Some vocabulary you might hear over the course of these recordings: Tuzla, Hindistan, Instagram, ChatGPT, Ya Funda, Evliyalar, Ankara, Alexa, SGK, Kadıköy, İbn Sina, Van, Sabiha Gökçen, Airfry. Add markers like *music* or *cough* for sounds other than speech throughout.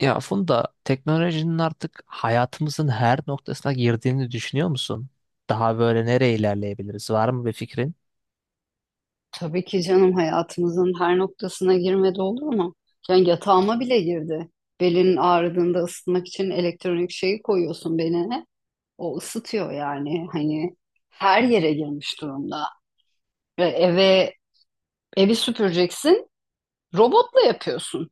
Ya Funda, teknolojinin artık hayatımızın her noktasına girdiğini düşünüyor musun? Daha böyle nereye ilerleyebiliriz? Var mı bir fikrin? Tabii ki canım hayatımızın her noktasına girmedi olur mu? Yani yatağıma bile girdi. Belin ağrıdığında ısıtmak için elektronik şeyi koyuyorsun beline. O ısıtıyor yani. Hani her yere girmiş durumda. Ve evi süpüreceksin, robotla yapıyorsun.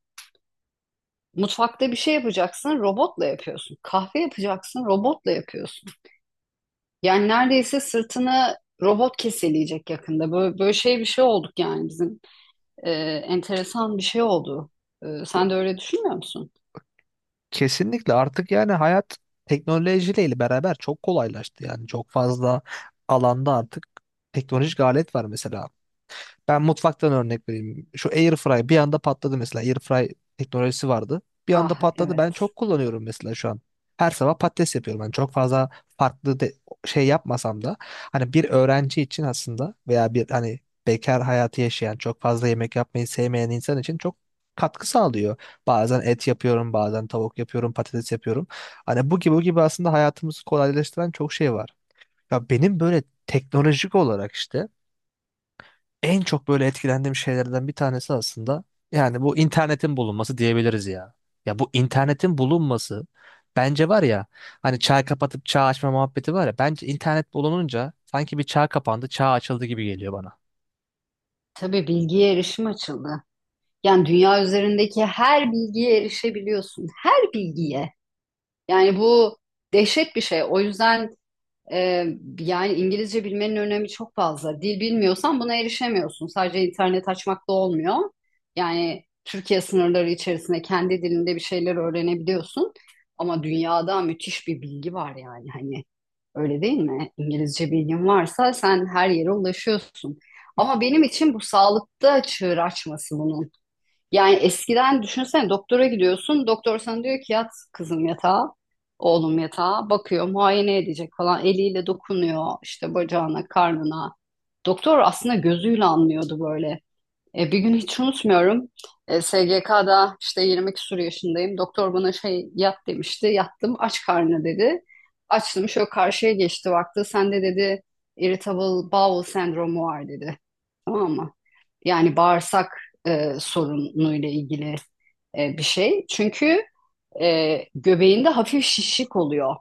Mutfakta bir şey yapacaksın, robotla yapıyorsun. Kahve yapacaksın, robotla yapıyorsun. Yani neredeyse sırtını robot keseleyecek yakında. Böyle şey bir şey olduk yani bizim. e, Enteresan bir şey oldu. Sen de öyle düşünmüyor musun? Kesinlikle artık yani hayat teknolojiyle beraber çok kolaylaştı, yani çok fazla alanda artık teknolojik alet var mesela. Ben mutfaktan örnek vereyim. Şu Airfry bir anda patladı mesela. Airfry teknolojisi vardı. Bir anda Ah patladı. Ben evet. çok kullanıyorum mesela şu an. Her sabah patates yapıyorum. Ben çok fazla farklı de, şey yapmasam da hani bir öğrenci için aslında veya bir hani bekar hayatı yaşayan, çok fazla yemek yapmayı sevmeyen insan için çok katkı sağlıyor. Bazen et yapıyorum, bazen tavuk yapıyorum, patates yapıyorum. Hani bu gibi aslında hayatımızı kolaylaştıran çok şey var. Ya benim böyle teknolojik olarak işte en çok böyle etkilendiğim şeylerden bir tanesi aslında yani bu internetin bulunması diyebiliriz ya. Ya bu internetin bulunması bence var ya, hani çağ kapatıp çağ açma muhabbeti var ya, bence internet bulununca sanki bir çağ kapandı çağ açıldı gibi geliyor bana. Tabii bilgiye erişim açıldı. Yani dünya üzerindeki her bilgiye erişebiliyorsun. Her bilgiye. Yani bu dehşet bir şey. O yüzden Ee, yani İngilizce bilmenin önemi çok fazla. Dil bilmiyorsan buna erişemiyorsun. Sadece internet açmak da olmuyor. Yani Türkiye sınırları içerisinde kendi dilinde bir şeyler öğrenebiliyorsun. Ama dünyada müthiş bir bilgi var yani hani öyle değil mi? İngilizce bilgin varsa sen her yere ulaşıyorsun. Ama benim için bu sağlıkta çığır açması bunun. Yani eskiden düşünsene doktora gidiyorsun. Doktor sana diyor ki yat kızım yatağa, oğlum yatağa. Bakıyor, muayene edecek falan. Eliyle dokunuyor işte bacağına, karnına. Doktor aslında gözüyle anlıyordu böyle. Bir gün hiç unutmuyorum. SGK'da işte 20 küsur yaşındayım. Doktor bana şey yat demişti. Yattım aç karnına dedi. Açtım şöyle karşıya geçti baktı. Sende dedi irritable bowel sendromu var dedi. Tamam mı? Yani bağırsak sorunuyla ilgili bir şey. Çünkü göbeğinde hafif şişlik oluyor.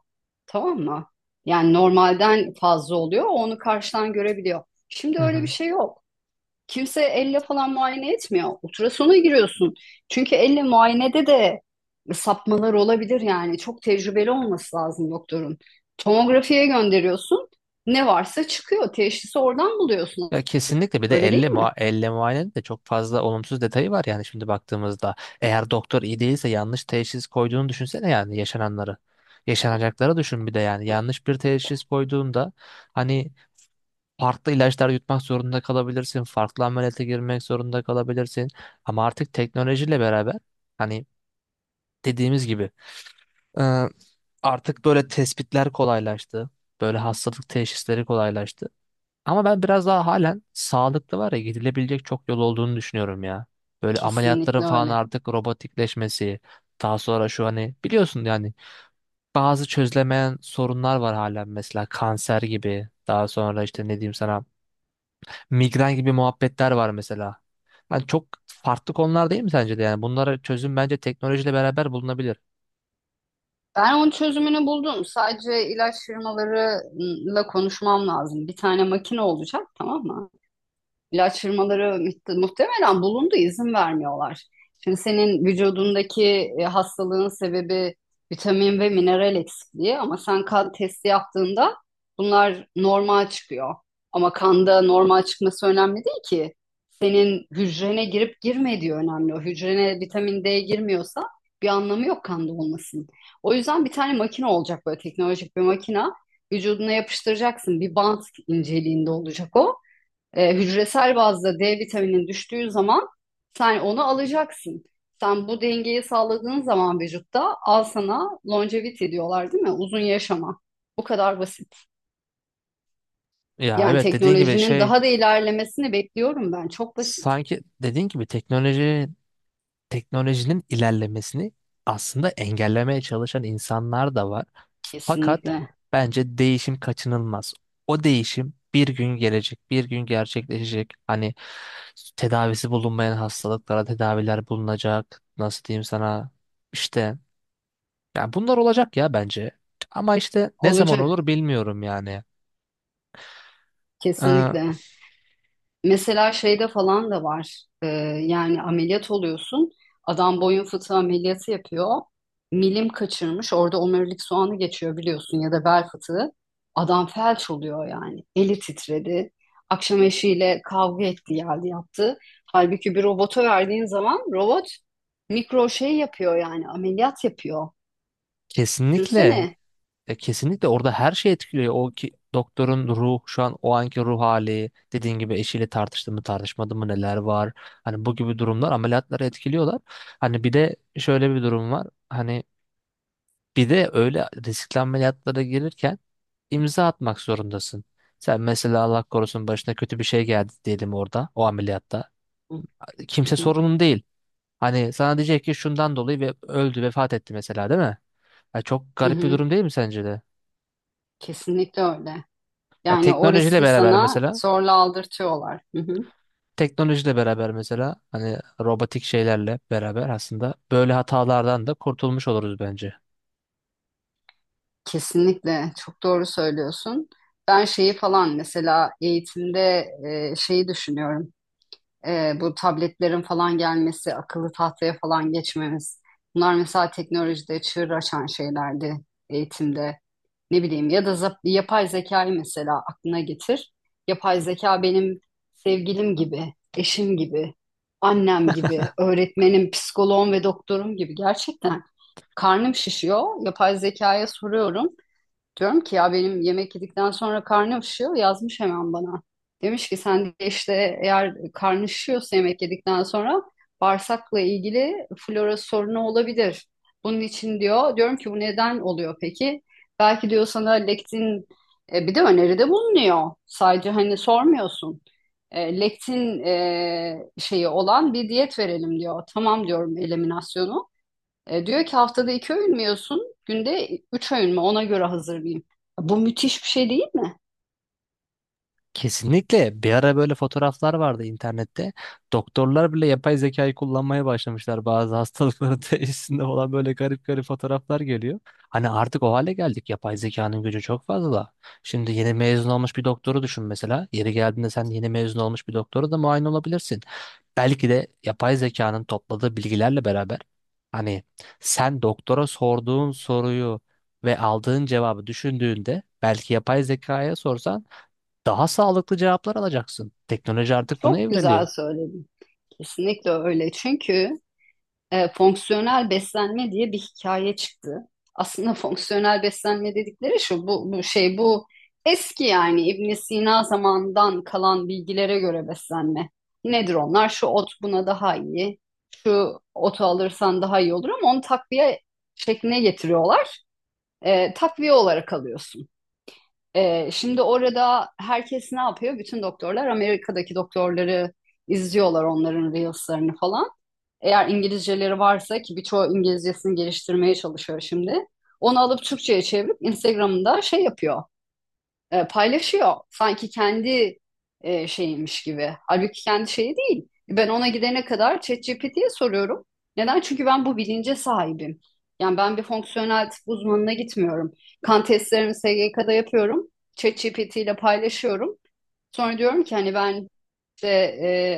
Tamam mı? Yani normalden fazla oluyor. Onu karşıdan görebiliyor. Şimdi Hı öyle bir hı. şey yok. Kimse elle falan muayene etmiyor. Ultrasona giriyorsun. Çünkü elle muayenede de sapmalar olabilir yani. Çok tecrübeli olması lazım doktorun. Tomografiye gönderiyorsun. Ne varsa çıkıyor. Teşhisi oradan buluyorsun. Ya kesinlikle bir de Öyle değil elle, mi? Elle muayenenin de çok fazla olumsuz detayı var yani şimdi baktığımızda. Eğer doktor iyi değilse yanlış teşhis koyduğunu düşünsene yani yaşananları. Yaşanacakları düşün bir de yani yanlış bir teşhis koyduğunda hani farklı ilaçlar yutmak zorunda kalabilirsin, farklı ameliyata girmek zorunda kalabilirsin. Ama artık teknolojiyle beraber hani dediğimiz gibi e, artık böyle tespitler kolaylaştı. Böyle hastalık teşhisleri kolaylaştı. Ama ben biraz daha halen sağlıklı var ya, gidilebilecek çok yol olduğunu düşünüyorum ya. Böyle ameliyatların Kesinlikle falan öyle. artık robotikleşmesi, daha sonra şu hani biliyorsun yani bazı çözülemeyen sorunlar var halen mesela kanser gibi, daha sonra işte ne diyeyim sana, migren gibi muhabbetler var mesela. Yani çok farklı konular değil mi sence de, yani bunlara çözüm bence teknolojiyle beraber bulunabilir. Ben onun çözümünü buldum. Sadece ilaç firmalarıyla konuşmam lazım. Bir tane makine olacak, tamam mı? İlaç firmaları muhtemelen bulundu, izin vermiyorlar. Şimdi senin vücudundaki hastalığın sebebi vitamin ve mineral eksikliği ama sen kan testi yaptığında bunlar normal çıkıyor. Ama kanda normal çıkması önemli değil ki. Senin hücrene girip girmediği önemli. O hücrene vitamin D girmiyorsa bir anlamı yok kanda olmasının. O yüzden bir tane makine olacak böyle teknolojik bir makine. Vücuduna yapıştıracaksın. Bir bant inceliğinde olacak o. Hücresel bazda D vitaminin düştüğü zaman sen onu alacaksın. Sen bu dengeyi sağladığın zaman vücutta al sana longevity diyorlar değil mi? Uzun yaşama. Bu kadar basit. Ya Yani evet dediğin gibi teknolojinin şey, daha da ilerlemesini bekliyorum ben. Çok basit. sanki dediğin gibi teknolojinin ilerlemesini aslında engellemeye çalışan insanlar da var. Fakat Kesinlikle. bence değişim kaçınılmaz. O değişim bir gün gelecek, bir gün gerçekleşecek. Hani tedavisi bulunmayan hastalıklara tedaviler bulunacak. Nasıl diyeyim sana? İşte yani bunlar olacak ya bence. Ama işte ne zaman Olacak. olur bilmiyorum yani. Ee, Kesinlikle. Mesela şeyde falan da var. Yani ameliyat oluyorsun. Adam boyun fıtığı ameliyatı yapıyor. Milim kaçırmış. Orada omurilik soğanı geçiyor biliyorsun ya da bel fıtığı. Adam felç oluyor yani. Eli titredi. Akşam eşiyle kavga etti geldi yaptı. Halbuki bir robota verdiğin zaman robot mikro şey yapıyor yani ameliyat yapıyor. kesinlikle Düşünsene. Kesinlikle orada her şey etkiliyor. O ki, doktorun ruh, şu an o anki ruh hali, dediğin gibi eşiyle tartıştı mı, tartışmadı mı, neler var. Hani bu gibi durumlar ameliyatları etkiliyorlar. Hani bir de şöyle bir durum var. Hani bir de öyle riskli ameliyatlara girirken imza atmak zorundasın. Sen mesela Allah korusun başına kötü bir şey geldi diyelim orada o ameliyatta. Hı Kimse hı, sorunun değil. Hani sana diyecek ki şundan dolayı ve öldü, vefat etti mesela değil mi? Ya çok hı garip bir hı. durum değil mi sence de? Kesinlikle öyle. Ya Yani o teknolojiyle riski beraber sana mesela zorla aldırtıyorlar. Hı hı. Teknolojiyle beraber mesela hani robotik şeylerle beraber aslında böyle hatalardan da kurtulmuş oluruz bence. Kesinlikle çok doğru söylüyorsun. Ben şeyi falan mesela eğitimde şeyi düşünüyorum. Bu tabletlerin falan gelmesi, akıllı tahtaya falan geçmemiz. Bunlar mesela teknolojide çığır açan şeylerdi eğitimde. Ne bileyim ya da yapay zekayı mesela aklına getir. Yapay zeka benim sevgilim gibi, eşim gibi, annem gibi, öğretmenim, psikoloğum ve doktorum gibi gerçekten. Karnım şişiyor. Yapay zekaya soruyorum. Diyorum ki ya benim yemek yedikten sonra karnım şişiyor yazmış hemen bana. Demiş ki sen de işte eğer karnı şişiyorsa yemek yedikten sonra bağırsakla ilgili flora sorunu olabilir. Bunun için diyor diyorum ki bu neden oluyor peki? Belki diyor sana lektin bir de öneride bulunuyor. Sadece hani sormuyorsun. Lektin şeyi olan bir diyet verelim diyor. Tamam diyorum eliminasyonu. Diyor ki haftada iki öğün mü yiyorsun? Günde üç öğün mü? Ona göre hazırlayayım. Bu müthiş bir şey değil mi? Kesinlikle bir ara böyle fotoğraflar vardı internette. Doktorlar bile yapay zekayı kullanmaya başlamışlar, bazı hastalıkların *laughs* teşhisinde olan böyle garip garip fotoğraflar geliyor. Hani artık o hale geldik. Yapay zekanın gücü çok fazla. Şimdi yeni mezun olmuş bir doktoru düşün mesela. Yeri geldiğinde sen yeni mezun olmuş bir doktora da muayene olabilirsin. Belki de yapay zekanın topladığı bilgilerle beraber hani sen doktora sorduğun soruyu ve aldığın cevabı düşündüğünde, belki yapay zekaya sorsan daha sağlıklı cevaplar alacaksın. Teknoloji artık buna Çok güzel evriliyor. *laughs* söyledin. Kesinlikle öyle. Çünkü fonksiyonel beslenme diye bir hikaye çıktı. Aslında *laughs* fonksiyonel beslenme dedikleri şu, bu, bu şey bu eski yani İbn Sina zamandan kalan bilgilere göre beslenme. Nedir onlar? Şu ot buna daha iyi. Şu otu alırsan daha iyi olur ama onu takviye şekline getiriyorlar. Takviye olarak alıyorsun. Şimdi orada herkes ne yapıyor? Bütün doktorlar Amerika'daki doktorları izliyorlar onların reels'larını falan. Eğer İngilizceleri varsa ki birçoğu İngilizcesini geliştirmeye çalışıyor şimdi. Onu alıp Türkçe'ye çevirip Instagram'da şey yapıyor paylaşıyor. Sanki kendi şeymiş gibi. Halbuki kendi şeyi değil. Ben ona gidene kadar ChatGPT'ye soruyorum. Neden? Çünkü ben bu bilince sahibim. Yani ben bir fonksiyonel tıp uzmanına gitmiyorum. Kan testlerimi SGK'da yapıyorum. ChatGPT ile paylaşıyorum. Sonra diyorum ki hani ben işte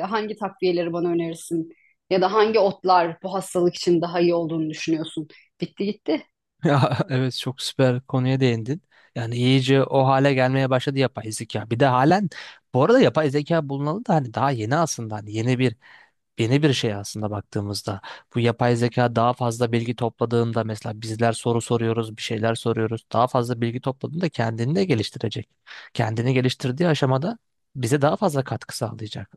hangi takviyeleri bana önerirsin? Ya da hangi otlar bu hastalık için daha iyi olduğunu düşünüyorsun? Bitti gitti. Ya evet, çok süper konuya değindin. Yani iyice o hale gelmeye başladı yapay zeka. Bir de halen bu arada yapay zeka bulunalı da hani daha yeni aslında, hani yeni bir şey aslında baktığımızda. Bu yapay zeka daha fazla bilgi topladığında mesela bizler soru soruyoruz, bir şeyler soruyoruz. Daha fazla bilgi topladığında kendini de geliştirecek. Kendini geliştirdiği aşamada bize daha fazla katkı sağlayacak,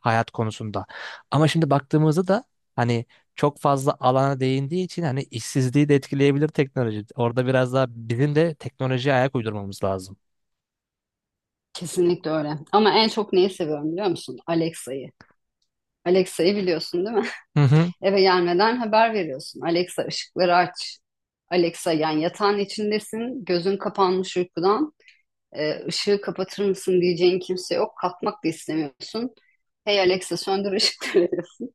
hayat konusunda. Ama şimdi baktığımızda da hani çok fazla alana değindiği için hani işsizliği de etkileyebilir teknoloji. Orada biraz daha bizim de teknolojiye ayak uydurmamız lazım. Kesinlikle öyle. Ama en çok neyi seviyorum biliyor musun? Alexa'yı. Alexa'yı biliyorsun değil mi? Hı hı. Eve gelmeden haber veriyorsun. Alexa ışıkları aç. Alexa yani yatağın içindesin. Gözün kapanmış uykudan. Işığı kapatır mısın diyeceğin kimse yok. Kalkmak da istemiyorsun. Hey Alexa söndür ışıkları diyorsun. *laughs*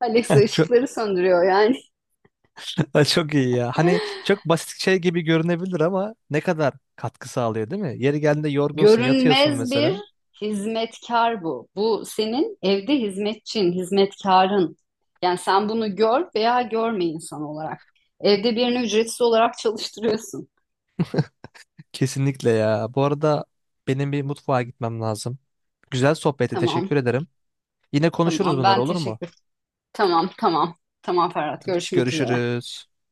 Alexa *laughs* Çok, ışıkları söndürüyor yani. *laughs* çok iyi ya. Hani *laughs* çok basit şey gibi görünebilir ama ne kadar katkı sağlıyor değil mi? Yeri geldiğinde yorgunsun, yatıyorsun Görünmez bir mesela. hizmetkar bu. Bu senin evde hizmetçin, hizmetkarın. Yani sen bunu gör veya görme insan olarak. Evde birini ücretsiz olarak çalıştırıyorsun. Kesinlikle ya. Bu arada benim bir mutfağa gitmem lazım. Güzel sohbeti Tamam, teşekkür ederim. Yine konuşuruz, tamam. bunlar Ben olur mu? teşekkür Tamam, tamam. Tamam Ferhat. Hadi Görüşmek üzere. görüşürüz.